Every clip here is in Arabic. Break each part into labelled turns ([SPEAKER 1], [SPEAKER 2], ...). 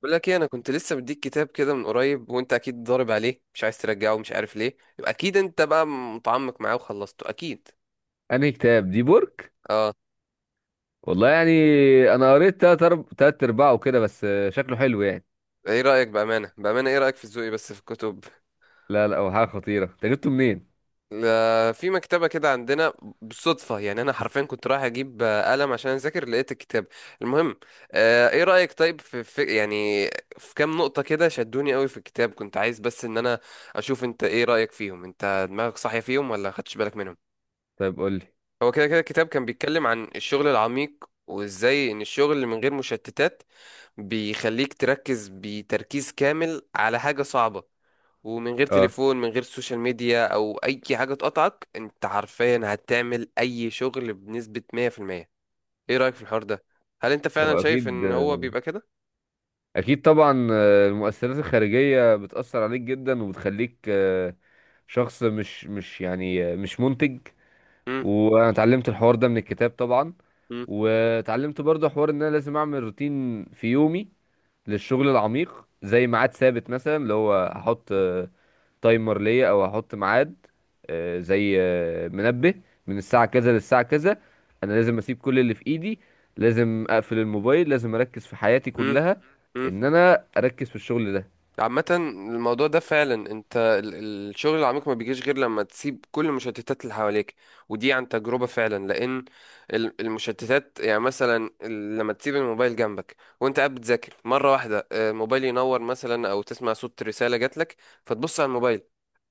[SPEAKER 1] بقول لك ايه، انا كنت لسه مديك كتاب كده من قريب وانت اكيد ضارب عليه مش عايز ترجعه ومش عارف ليه، يبقى اكيد انت بقى متعمق معاه وخلصته اكيد.
[SPEAKER 2] انهي كتاب دي بورك؟
[SPEAKER 1] اه.
[SPEAKER 2] والله يعني انا قريت تلات ارباعه وكده بس شكله حلو يعني.
[SPEAKER 1] ايه رايك؟ بامانه، ايه رايك في ذوقي بس في الكتب؟
[SPEAKER 2] لا لا، هو حاجه خطيره، انت جبته منين؟
[SPEAKER 1] لا، في مكتبه كده عندنا. بالصدفه يعني، انا حرفيا كنت رايح اجيب قلم عشان اذاكر، لقيت الكتاب. المهم، آه، ايه رايك طيب في, في يعني في كام نقطه كده شدوني قوي في الكتاب، كنت عايز بس ان انا اشوف انت ايه رايك فيهم، انت دماغك صاحيه فيهم ولا خدتش بالك منهم؟
[SPEAKER 2] طيب قول لي.
[SPEAKER 1] هو كده كده كتاب كان بيتكلم عن الشغل العميق وازاي ان الشغل من غير مشتتات بيخليك تركز بتركيز كامل على حاجة صعبة، ومن غير
[SPEAKER 2] اه.
[SPEAKER 1] تليفون من غير سوشيال ميديا او اي حاجة تقطعك، انت حرفيا هتعمل اي شغل بنسبة 100%. ايه رأيك في الحوار ده؟ هل انت فعلا
[SPEAKER 2] هو
[SPEAKER 1] شايف
[SPEAKER 2] اكيد.
[SPEAKER 1] ان هو بيبقى كده؟
[SPEAKER 2] اكيد طبعا، المؤثرات الخارجيه بتاثر عليك جدا وبتخليك شخص مش يعني مش منتج. وانا اتعلمت الحوار ده من الكتاب طبعا. واتعلمت برضه حوار ان انا لازم اعمل روتين في يومي للشغل العميق، زي ميعاد ثابت مثلا، اللي هو هحط تايمر ليا او هحط ميعاد، زي منبه، من الساعه كذا للساعه كذا. انا لازم اسيب كل اللي في ايدي، لازم اقفل الموبايل، لازم اركز في حياتي كلها
[SPEAKER 1] امم.
[SPEAKER 2] ان انا اركز في الشغل ده.
[SPEAKER 1] عامة الموضوع ده فعلا، انت الشغل العميق ما بيجيش غير لما تسيب كل المشتتات اللي حواليك، ودي عن تجربة فعلا. لان المشتتات يعني مثلا، لما تسيب الموبايل جنبك وانت قاعد بتذاكر، مرة واحدة الموبايل ينور مثلا، او تسمع صوت رسالة جاتلك فتبص على الموبايل،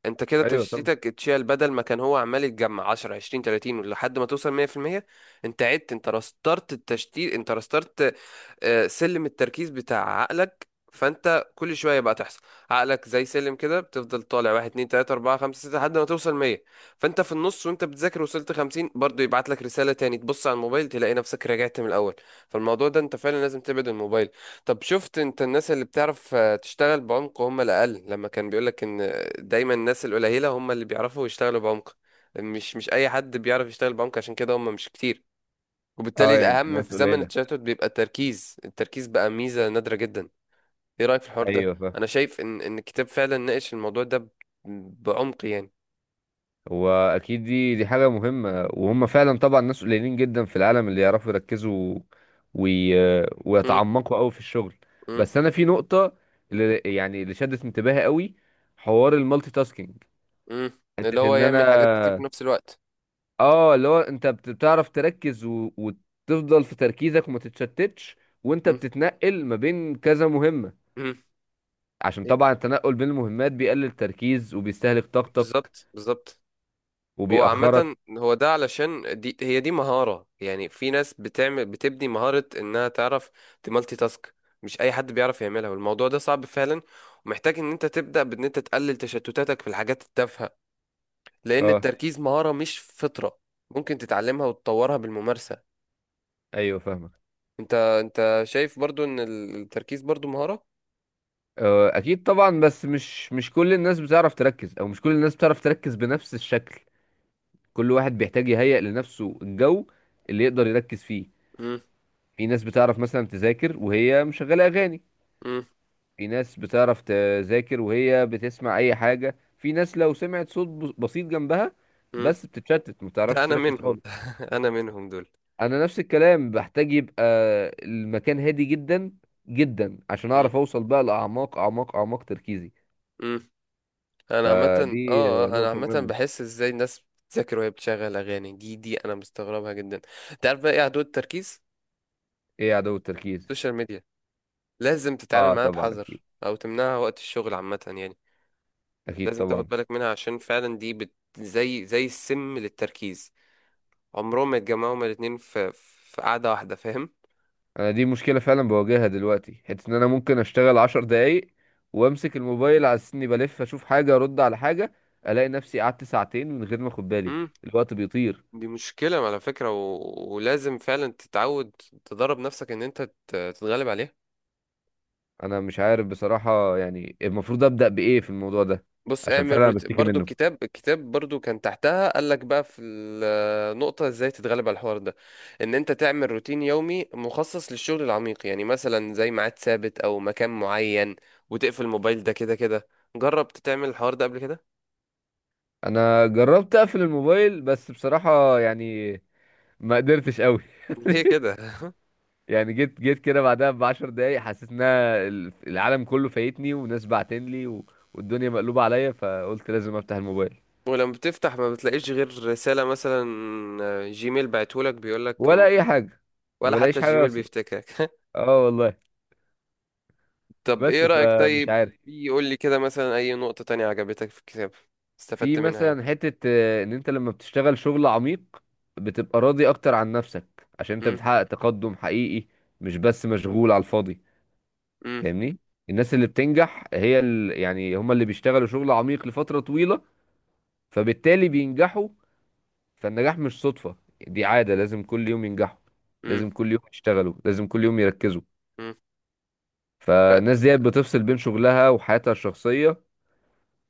[SPEAKER 1] انت كده
[SPEAKER 2] ايوه طبعا.
[SPEAKER 1] تشتيتك اتشال، بدل ما كان هو عمال يتجمع 10 20 30 لحد ما توصل 100%، انت عدت، انت رسترت التشتيت، انت رسترت سلم التركيز بتاع عقلك، فانت كل شويه بقى تحصل. عقلك زي سلم كده، بتفضل طالع 1 2 3 4 5 6 لحد ما توصل 100، فانت في النص وانت بتذاكر وصلت 50، برضه يبعت لك رساله تاني، تبص على الموبايل تلاقي نفسك رجعت من الاول. فالموضوع ده انت فعلا لازم تبعد الموبايل. طب شفت انت الناس اللي بتعرف تشتغل بعمق هم الأقل، لما كان بيقولك ان دايما الناس القليلة هم اللي بيعرفوا يشتغلوا بعمق، مش أي حد بيعرف يشتغل بعمق، عشان كده هم مش كتير. وبالتالي
[SPEAKER 2] اه يعني
[SPEAKER 1] الأهم
[SPEAKER 2] ناس
[SPEAKER 1] في زمن
[SPEAKER 2] قليله.
[SPEAKER 1] التشتت بيبقى التركيز، التركيز بقى ميزة نادرة جدا. ايه رأيك في الحوار ده؟
[SPEAKER 2] ايوه فاهم.
[SPEAKER 1] أنا شايف ان الكتاب فعلا ناقش الموضوع ده بعمق يعني.
[SPEAKER 2] هو اكيد، دي حاجه مهمه، وهم فعلا طبعا ناس قليلين جدا في العالم اللي يعرفوا يركزوا وي...
[SPEAKER 1] م-
[SPEAKER 2] ويتعمقوا قوي في الشغل.
[SPEAKER 1] م-
[SPEAKER 2] بس انا في نقطه اللي يعني اللي شدت انتباهي قوي، حوار المالتي تاسكينج،
[SPEAKER 1] م. اللي
[SPEAKER 2] حتة
[SPEAKER 1] هو
[SPEAKER 2] ان انا،
[SPEAKER 1] يعمل حاجات كتير في نفس الوقت.
[SPEAKER 2] اه، اللي هو انت بتعرف تركز وتفضل في تركيزك وما تتشتتش، وانت
[SPEAKER 1] م-
[SPEAKER 2] بتتنقل ما بين كذا مهمة.
[SPEAKER 1] م.
[SPEAKER 2] عشان
[SPEAKER 1] إيه،
[SPEAKER 2] طبعا التنقل بين المهمات بيقلل التركيز وبيستهلك طاقتك
[SPEAKER 1] بالظبط، هو
[SPEAKER 2] وبيأخرك.
[SPEAKER 1] عامة هو ده، علشان دي، هي دي مهارة يعني، في ناس بتعمل، بتبني مهارة انها تعرف تمالتي تاسك، مش اي حد بيعرف يعملها، والموضوع ده صعب فعلا، ومحتاج ان انت تبدأ بان انت تقلل تشتتاتك في الحاجات التافهة، لان
[SPEAKER 2] اه.
[SPEAKER 1] التركيز مهارة مش فطرة، ممكن تتعلمها وتطورها بالممارسة.
[SPEAKER 2] ايوه فاهمك.
[SPEAKER 1] انت شايف برضو ان التركيز برضو مهارة؟
[SPEAKER 2] اكيد طبعا، بس مش كل الناس بتعرف تركز، او مش كل الناس بتعرف تركز بنفس الشكل. كل واحد بيحتاج يهيئ لنفسه الجو اللي يقدر يركز فيه.
[SPEAKER 1] مم،
[SPEAKER 2] في ناس بتعرف مثلا تذاكر وهي مشغلة اغاني،
[SPEAKER 1] مم،
[SPEAKER 2] في ناس بتعرف تذاكر وهي بتسمع اي حاجة، في ناس لو سمعت صوت بسيط جنبها
[SPEAKER 1] مم.
[SPEAKER 2] بس بتتشتت، ما
[SPEAKER 1] ده
[SPEAKER 2] بتعرفش
[SPEAKER 1] انا
[SPEAKER 2] تركز
[SPEAKER 1] منهم
[SPEAKER 2] خالص.
[SPEAKER 1] انا منهم دول.
[SPEAKER 2] انا نفس الكلام، بحتاج يبقى المكان هادي جدا جدا عشان اعرف اوصل بقى لاعماق اعماق اعماق تركيزي.
[SPEAKER 1] مم، انا عامه
[SPEAKER 2] فدي
[SPEAKER 1] اه، انا
[SPEAKER 2] نقطة
[SPEAKER 1] عامه
[SPEAKER 2] مهمة.
[SPEAKER 1] بحس ازاي الناس بتذاكر وهي بتشغل اغاني، دي انا مستغربها جدا. انت عارف بقى ايه عدو التركيز؟
[SPEAKER 2] ايه عدو التركيز؟
[SPEAKER 1] السوشيال ميديا. لازم تتعامل
[SPEAKER 2] اه
[SPEAKER 1] معاها
[SPEAKER 2] طبعا
[SPEAKER 1] بحذر
[SPEAKER 2] اكيد.
[SPEAKER 1] او تمنعها وقت الشغل عامه يعني.
[SPEAKER 2] اكيد
[SPEAKER 1] لازم تاخد
[SPEAKER 2] طبعا.
[SPEAKER 1] بالك منها، عشان فعلا دي زي زي السم للتركيز، عمرهم ما يتجمعوا هما الاتنين في قعده واحده، فاهم؟
[SPEAKER 2] انا دي مشكلة فعلا بواجهها دلوقتي، حتة ان انا ممكن اشتغل عشر دقايق وامسك الموبايل على اني بلف اشوف حاجة ارد على حاجة، الاقي نفسي قعدت ساعتين من غير ما اخد بالي.
[SPEAKER 1] امم.
[SPEAKER 2] الوقت بيطير.
[SPEAKER 1] دي مشكله على فكره، ولازم فعلا تتعود، تدرب نفسك ان انت تتغلب عليها.
[SPEAKER 2] انا مش عارف بصراحة يعني، المفروض ابدأ بايه في الموضوع ده؟
[SPEAKER 1] بص
[SPEAKER 2] عشان
[SPEAKER 1] اعمل
[SPEAKER 2] فعلا أنا بشتكي
[SPEAKER 1] برضو
[SPEAKER 2] منه.
[SPEAKER 1] الكتاب، برضو كان تحتها قال لك بقى في النقطة ازاي تتغلب على الحوار ده، ان انت تعمل روتين يومي مخصص للشغل العميق، يعني مثلا زي ميعاد ثابت او مكان معين، وتقفل الموبايل، ده كده كده. جربت تعمل الحوار ده قبل كده؟
[SPEAKER 2] انا جربت اقفل الموبايل، بس بصراحة يعني ما قدرتش قوي.
[SPEAKER 1] ليه كده؟
[SPEAKER 2] يعني جيت كده بعدها بعشر دقايق حسيت ان أنا العالم كله فايتني، وناس بعتنلي والدنيا مقلوبة عليا، فقلت لازم افتح الموبايل.
[SPEAKER 1] ولما بتفتح ما بتلاقيش غير رسالة مثلا، جيميل بعتهولك بيقولك
[SPEAKER 2] ولا اي
[SPEAKER 1] مبروك،
[SPEAKER 2] حاجه، ما
[SPEAKER 1] ولا حتى
[SPEAKER 2] بلاقيش حاجه
[SPEAKER 1] الجيميل
[SPEAKER 2] اصلا.
[SPEAKER 1] بيفتكرك.
[SPEAKER 2] اه والله.
[SPEAKER 1] طب ايه
[SPEAKER 2] بس
[SPEAKER 1] رأيك
[SPEAKER 2] فمش
[SPEAKER 1] طيب،
[SPEAKER 2] عارف.
[SPEAKER 1] يقول لي كده مثلا اي نقطة تانية عجبتك في الكتاب،
[SPEAKER 2] في
[SPEAKER 1] استفدت منها.
[SPEAKER 2] مثلا حته ان انت لما بتشتغل شغل عميق بتبقى راضي اكتر عن نفسك عشان انت
[SPEAKER 1] يعني.
[SPEAKER 2] بتحقق تقدم حقيقي، مش بس مشغول على الفاضي.
[SPEAKER 1] امم.
[SPEAKER 2] فاهمني. الناس اللي بتنجح هي يعني هم اللي بيشتغلوا شغل عميق لفتره طويله، فبالتالي بينجحوا. فالنجاح مش صدفه، دي عاده، لازم كل يوم ينجحوا،
[SPEAKER 1] امم.
[SPEAKER 2] لازم كل يوم يشتغلوا، لازم كل يوم يركزوا.
[SPEAKER 1] امم.
[SPEAKER 2] فالناس
[SPEAKER 1] فعلا.
[SPEAKER 2] ديت بتفصل بين شغلها وحياتها الشخصيه،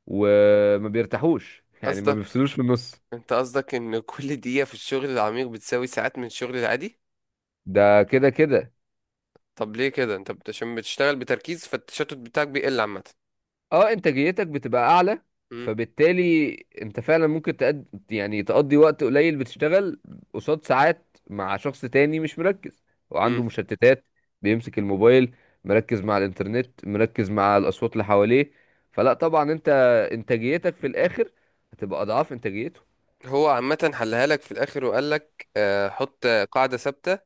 [SPEAKER 2] وما بيرتاحوش يعني ما
[SPEAKER 1] قصدك،
[SPEAKER 2] بيفصلوش في النص.
[SPEAKER 1] انت قصدك ان كل دقيقة في الشغل العميق بتساوي ساعات من الشغل العادي؟
[SPEAKER 2] ده كده كده.
[SPEAKER 1] طب ليه كده؟ انت عشان بتشتغل بتركيز، فالتشتت بتاعك بيقل عامة.
[SPEAKER 2] اه انتاجيتك بتبقى اعلى،
[SPEAKER 1] امم.
[SPEAKER 2] فبالتالي انت فعلا ممكن يعني تقضي وقت قليل بتشتغل قصاد ساعات مع شخص تاني مش مركز وعنده
[SPEAKER 1] امم.
[SPEAKER 2] مشتتات، بيمسك الموبايل، مركز مع الانترنت، مركز مع الاصوات اللي حواليه، فلا طبعا انت انتاجيتك في الاخر هتبقى اضعاف انتاجيته.
[SPEAKER 1] هو عامة حلها لك في الاخر، وقال لك آه حط قاعدة ثابتة،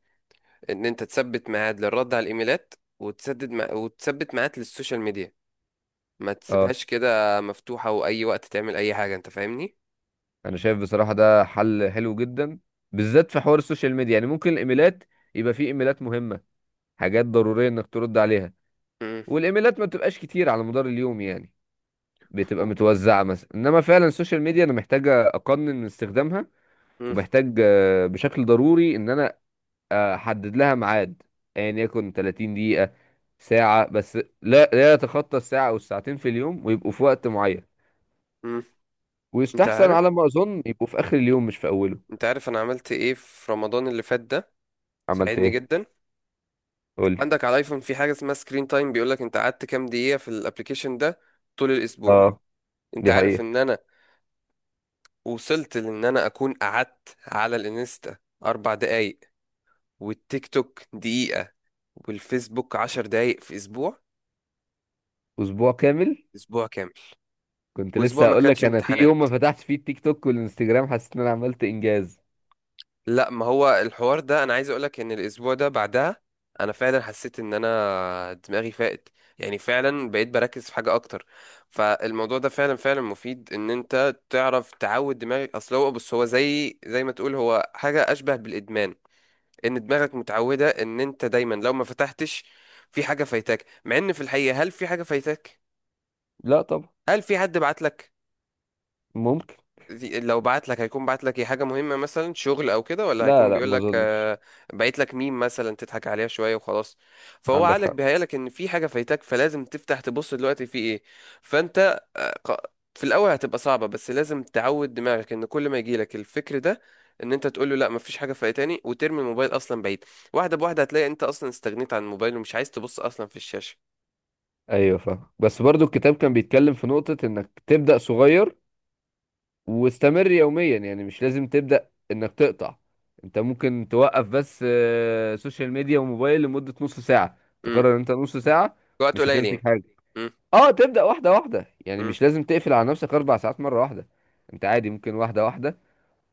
[SPEAKER 1] ان انت تثبت ميعاد للرد على الايميلات، وتثبت ميعاد للسوشيال ميديا، ما
[SPEAKER 2] اه.
[SPEAKER 1] تسيبهاش كده مفتوحة واي وقت تعمل اي حاجة، انت فاهمني؟
[SPEAKER 2] انا شايف بصراحة ده حل حلو جدا، بالذات في حوار السوشيال ميديا. يعني ممكن الايميلات يبقى فيه ايميلات مهمة، حاجات ضرورية انك ترد عليها،
[SPEAKER 1] امم.
[SPEAKER 2] والايميلات ما بتبقاش كتير على مدار اليوم يعني، بتبقى متوزعة مثلا. انما فعلا السوشيال ميديا انا محتاجة اقنن من استخدامها،
[SPEAKER 1] امم.
[SPEAKER 2] ومحتاج بشكل ضروري ان انا احدد لها ميعاد، ايا يعني يكن 30 دقيقة، ساعة بس، لا لا يتخطى الساعة او الساعتين في اليوم، ويبقوا في وقت معين،
[SPEAKER 1] امم. انت
[SPEAKER 2] ويستحسن
[SPEAKER 1] عارف
[SPEAKER 2] على ما اظن يبقوا في اخر اليوم مش في اوله.
[SPEAKER 1] انت عارف انا عملت ايه في رمضان اللي فات ده؟
[SPEAKER 2] عملت
[SPEAKER 1] ساعدني
[SPEAKER 2] ايه؟
[SPEAKER 1] جدا. انت
[SPEAKER 2] قولي.
[SPEAKER 1] عندك على الايفون في حاجه اسمها سكرين تايم، بيقول لك انت قعدت كام دقيقه في الابليكيشن ده طول الاسبوع. انت
[SPEAKER 2] دي
[SPEAKER 1] عارف ان
[SPEAKER 2] حقيقة.
[SPEAKER 1] انا وصلت لان انا اكون قعدت على الانستا اربع دقايق، والتيك توك دقيقه، والفيسبوك عشر دقايق في اسبوع؟
[SPEAKER 2] أسبوع كامل؟
[SPEAKER 1] اسبوع كامل.
[SPEAKER 2] كنت
[SPEAKER 1] واسبوع
[SPEAKER 2] لسه
[SPEAKER 1] ما
[SPEAKER 2] هقول
[SPEAKER 1] كانش
[SPEAKER 2] لك، أنا في
[SPEAKER 1] امتحانات،
[SPEAKER 2] يوم ما فتحتش فيه التيك توك والإنستجرام حسيت إن أنا عملت إنجاز.
[SPEAKER 1] لا، ما هو الحوار ده انا عايز اقولك ان الاسبوع ده بعدها انا فعلا حسيت ان انا دماغي فاقت، يعني فعلا بقيت بركز في حاجه اكتر. فالموضوع ده فعلا مفيد، ان انت تعرف تعود دماغك، اصل هو بص، هو زي زي ما تقول، هو حاجه اشبه بالادمان، ان دماغك متعوده ان انت دايما لو ما فتحتش في حاجه فايتاك، مع ان في الحقيقه، هل في حاجه فايتاك؟
[SPEAKER 2] لا طبعا.
[SPEAKER 1] هل في حد بعت لك؟
[SPEAKER 2] ممكن.
[SPEAKER 1] دي لو بعت لك، هيكون بعت لك ايه؟ حاجة مهمة مثلا، شغل او كده؟ ولا
[SPEAKER 2] لا
[SPEAKER 1] هيكون
[SPEAKER 2] لا
[SPEAKER 1] بيقول
[SPEAKER 2] ما
[SPEAKER 1] لك
[SPEAKER 2] أظنش.
[SPEAKER 1] بعت لك ميم مثلا تضحك عليها شوية وخلاص؟ فهو
[SPEAKER 2] عندك
[SPEAKER 1] عقلك
[SPEAKER 2] حق.
[SPEAKER 1] بيهيألك ان في حاجة فايتاك، فلازم تفتح تبص دلوقتي في ايه. فانت ق- في الاول هتبقى صعبة، بس لازم تعود دماغك ان كل ما يجيلك الفكر ده، ان انت تقول له لا، مفيش حاجة فايتاني، وترمي الموبايل اصلا بعيد. واحدة بواحدة هتلاقي انت اصلا استغنيت عن الموبايل ومش عايز تبص اصلا في الشاشة.
[SPEAKER 2] أيوه فاهم، بس برضو الكتاب كان بيتكلم في نقطة إنك تبدأ صغير واستمر يوميا، يعني مش لازم تبدأ إنك تقطع. أنت ممكن توقف بس سوشيال ميديا وموبايل لمدة نص ساعة،
[SPEAKER 1] امم.
[SPEAKER 2] تقرر إن أنت نص ساعة
[SPEAKER 1] وقت
[SPEAKER 2] مش
[SPEAKER 1] قليل
[SPEAKER 2] هتمسك
[SPEAKER 1] يعني.
[SPEAKER 2] حاجة.
[SPEAKER 1] امم.
[SPEAKER 2] اه تبدأ واحدة واحدة، يعني
[SPEAKER 1] امم.
[SPEAKER 2] مش لازم تقفل على نفسك أربع ساعات مرة واحدة. أنت عادي ممكن واحدة واحدة،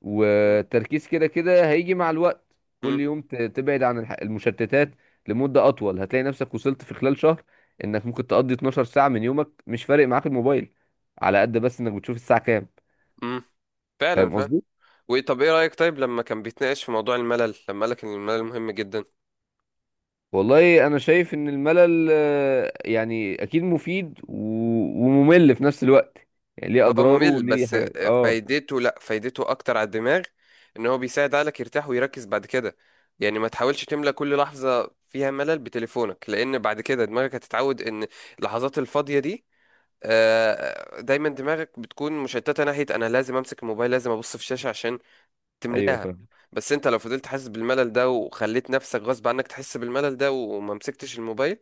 [SPEAKER 2] والتركيز كده كده هيجي مع الوقت. كل
[SPEAKER 1] امم.
[SPEAKER 2] يوم تبعد عن المشتتات لمدة أطول، هتلاقي نفسك وصلت في خلال شهر إنك ممكن تقضي 12 ساعة من يومك مش فارق معاك الموبايل، على قد بس إنك بتشوف الساعة كام.
[SPEAKER 1] إمم. فعلا
[SPEAKER 2] فاهم
[SPEAKER 1] فعلا.
[SPEAKER 2] قصدي؟
[SPEAKER 1] وطب ايه رأيك طيب لما كان بيتناقش في موضوع الملل، لما قالك ان الملل مهم جدا؟
[SPEAKER 2] والله أنا شايف إن الملل يعني أكيد مفيد وممل في نفس الوقت، يعني ليه
[SPEAKER 1] هو
[SPEAKER 2] أضراره
[SPEAKER 1] ممل
[SPEAKER 2] وليه
[SPEAKER 1] بس،
[SPEAKER 2] حاجات آه.
[SPEAKER 1] فايدته، لا فايدته اكتر على الدماغ، ان هو بيساعد عقلك يرتاح ويركز بعد كده. يعني ما تحاولش تملى كل لحظة فيها ملل بتليفونك، لان بعد كده دماغك هتتعود ان اللحظات الفاضية دي دايما دماغك بتكون مشتتة ناحية انا لازم امسك الموبايل، لازم ابص في الشاشة عشان
[SPEAKER 2] أيوه
[SPEAKER 1] تملاها.
[SPEAKER 2] فاهم.
[SPEAKER 1] بس انت لو فضلت حاسس بالملل ده، وخليت نفسك غصب عنك تحس بالملل ده وما مسكتش الموبايل،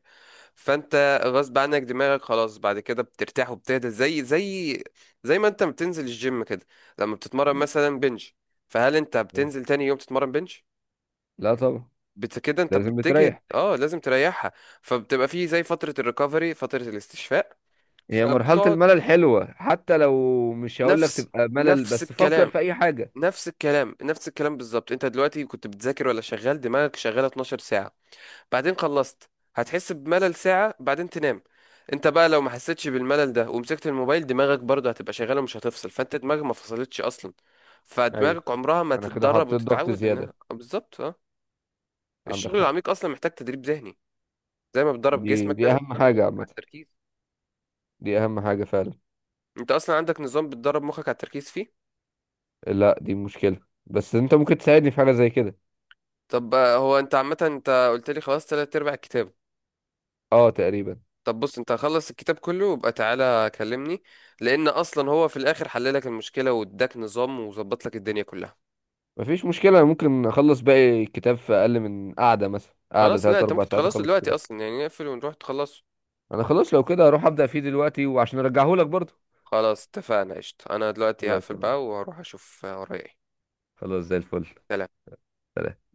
[SPEAKER 1] فانت غصب عنك دماغك خلاص بعد كده بترتاح وبتهدى، زي زي ما انت بتنزل الجيم كده، لما بتتمرن مثلا بنج، فهل انت
[SPEAKER 2] أيوة.
[SPEAKER 1] بتنزل تاني يوم تتمرن بنج؟
[SPEAKER 2] لا طبعا.
[SPEAKER 1] بت كده، انت
[SPEAKER 2] لازم
[SPEAKER 1] بتجهد،
[SPEAKER 2] بتريح.
[SPEAKER 1] اه لازم تريحها. فبتبقى فيه زي فترة الريكفري، فترة الاستشفاء،
[SPEAKER 2] هي مرحلة
[SPEAKER 1] فبتقعد.
[SPEAKER 2] الملل حلوة، حتى لو مش هقول لك
[SPEAKER 1] نفس
[SPEAKER 2] تبقى ملل
[SPEAKER 1] نفس
[SPEAKER 2] بس فكر
[SPEAKER 1] الكلام
[SPEAKER 2] في أي حاجة.
[SPEAKER 1] نفس الكلام بالظبط، انت دلوقتي كنت بتذاكر ولا شغال، دماغك شغالة 12 ساعة بعدين خلصت، هتحس بملل ساعة بعدين تنام. انت بقى لو ما حسيتش بالملل ده ومسكت الموبايل، دماغك برضه هتبقى شغالة ومش هتفصل، فانت دماغك ما فصلتش اصلا.
[SPEAKER 2] ايوه.
[SPEAKER 1] فدماغك عمرها ما
[SPEAKER 2] أنا كده
[SPEAKER 1] تتدرب
[SPEAKER 2] حطيت ضغط
[SPEAKER 1] وتتعود
[SPEAKER 2] زيادة.
[SPEAKER 1] انها بالظبط اه.
[SPEAKER 2] عندك
[SPEAKER 1] الشغل
[SPEAKER 2] حق.
[SPEAKER 1] العميق اصلا محتاج تدريب ذهني، زي ما بتدرب
[SPEAKER 2] دي
[SPEAKER 1] جسمك
[SPEAKER 2] دي
[SPEAKER 1] لازم
[SPEAKER 2] أهم
[SPEAKER 1] تدرب
[SPEAKER 2] حاجة
[SPEAKER 1] مخك
[SPEAKER 2] عامة،
[SPEAKER 1] على التركيز.
[SPEAKER 2] دي أهم حاجة فعلا.
[SPEAKER 1] انت اصلا عندك نظام بتدرب مخك على التركيز فيه؟
[SPEAKER 2] لا دي مشكلة، بس أنت ممكن تساعدني في حاجة زي كده.
[SPEAKER 1] طب هو انت عامة انت قلت لي خلاص تلات ارباع الكتاب.
[SPEAKER 2] أه تقريبا.
[SPEAKER 1] طب بص، انت خلص الكتاب كله وابقى تعالى كلمني، لان اصلا هو في الاخر حل لك المشكله، واداك نظام، وظبط لك الدنيا كلها.
[SPEAKER 2] مفيش مشكلة، أنا ممكن أخلص باقي الكتاب في أقل من قعدة، مثلا قعدة
[SPEAKER 1] خلاص، لا
[SPEAKER 2] تلات
[SPEAKER 1] انت
[SPEAKER 2] أربع
[SPEAKER 1] ممكن
[SPEAKER 2] ساعات
[SPEAKER 1] تخلصه
[SPEAKER 2] أخلص
[SPEAKER 1] دلوقتي
[SPEAKER 2] الكتاب.
[SPEAKER 1] اصلا يعني، نقفل ونروح تخلصه.
[SPEAKER 2] أنا خلاص لو كده هروح أبدأ فيه دلوقتي، وعشان أرجعهولك برضه.
[SPEAKER 1] خلاص اتفقنا، قشطة. انا دلوقتي
[SPEAKER 2] خلاص
[SPEAKER 1] هقفل
[SPEAKER 2] يا معلم.
[SPEAKER 1] بقى وهروح اشوف ورايا ايه.
[SPEAKER 2] خلاص زي الفل.
[SPEAKER 1] سلام.
[SPEAKER 2] سلام.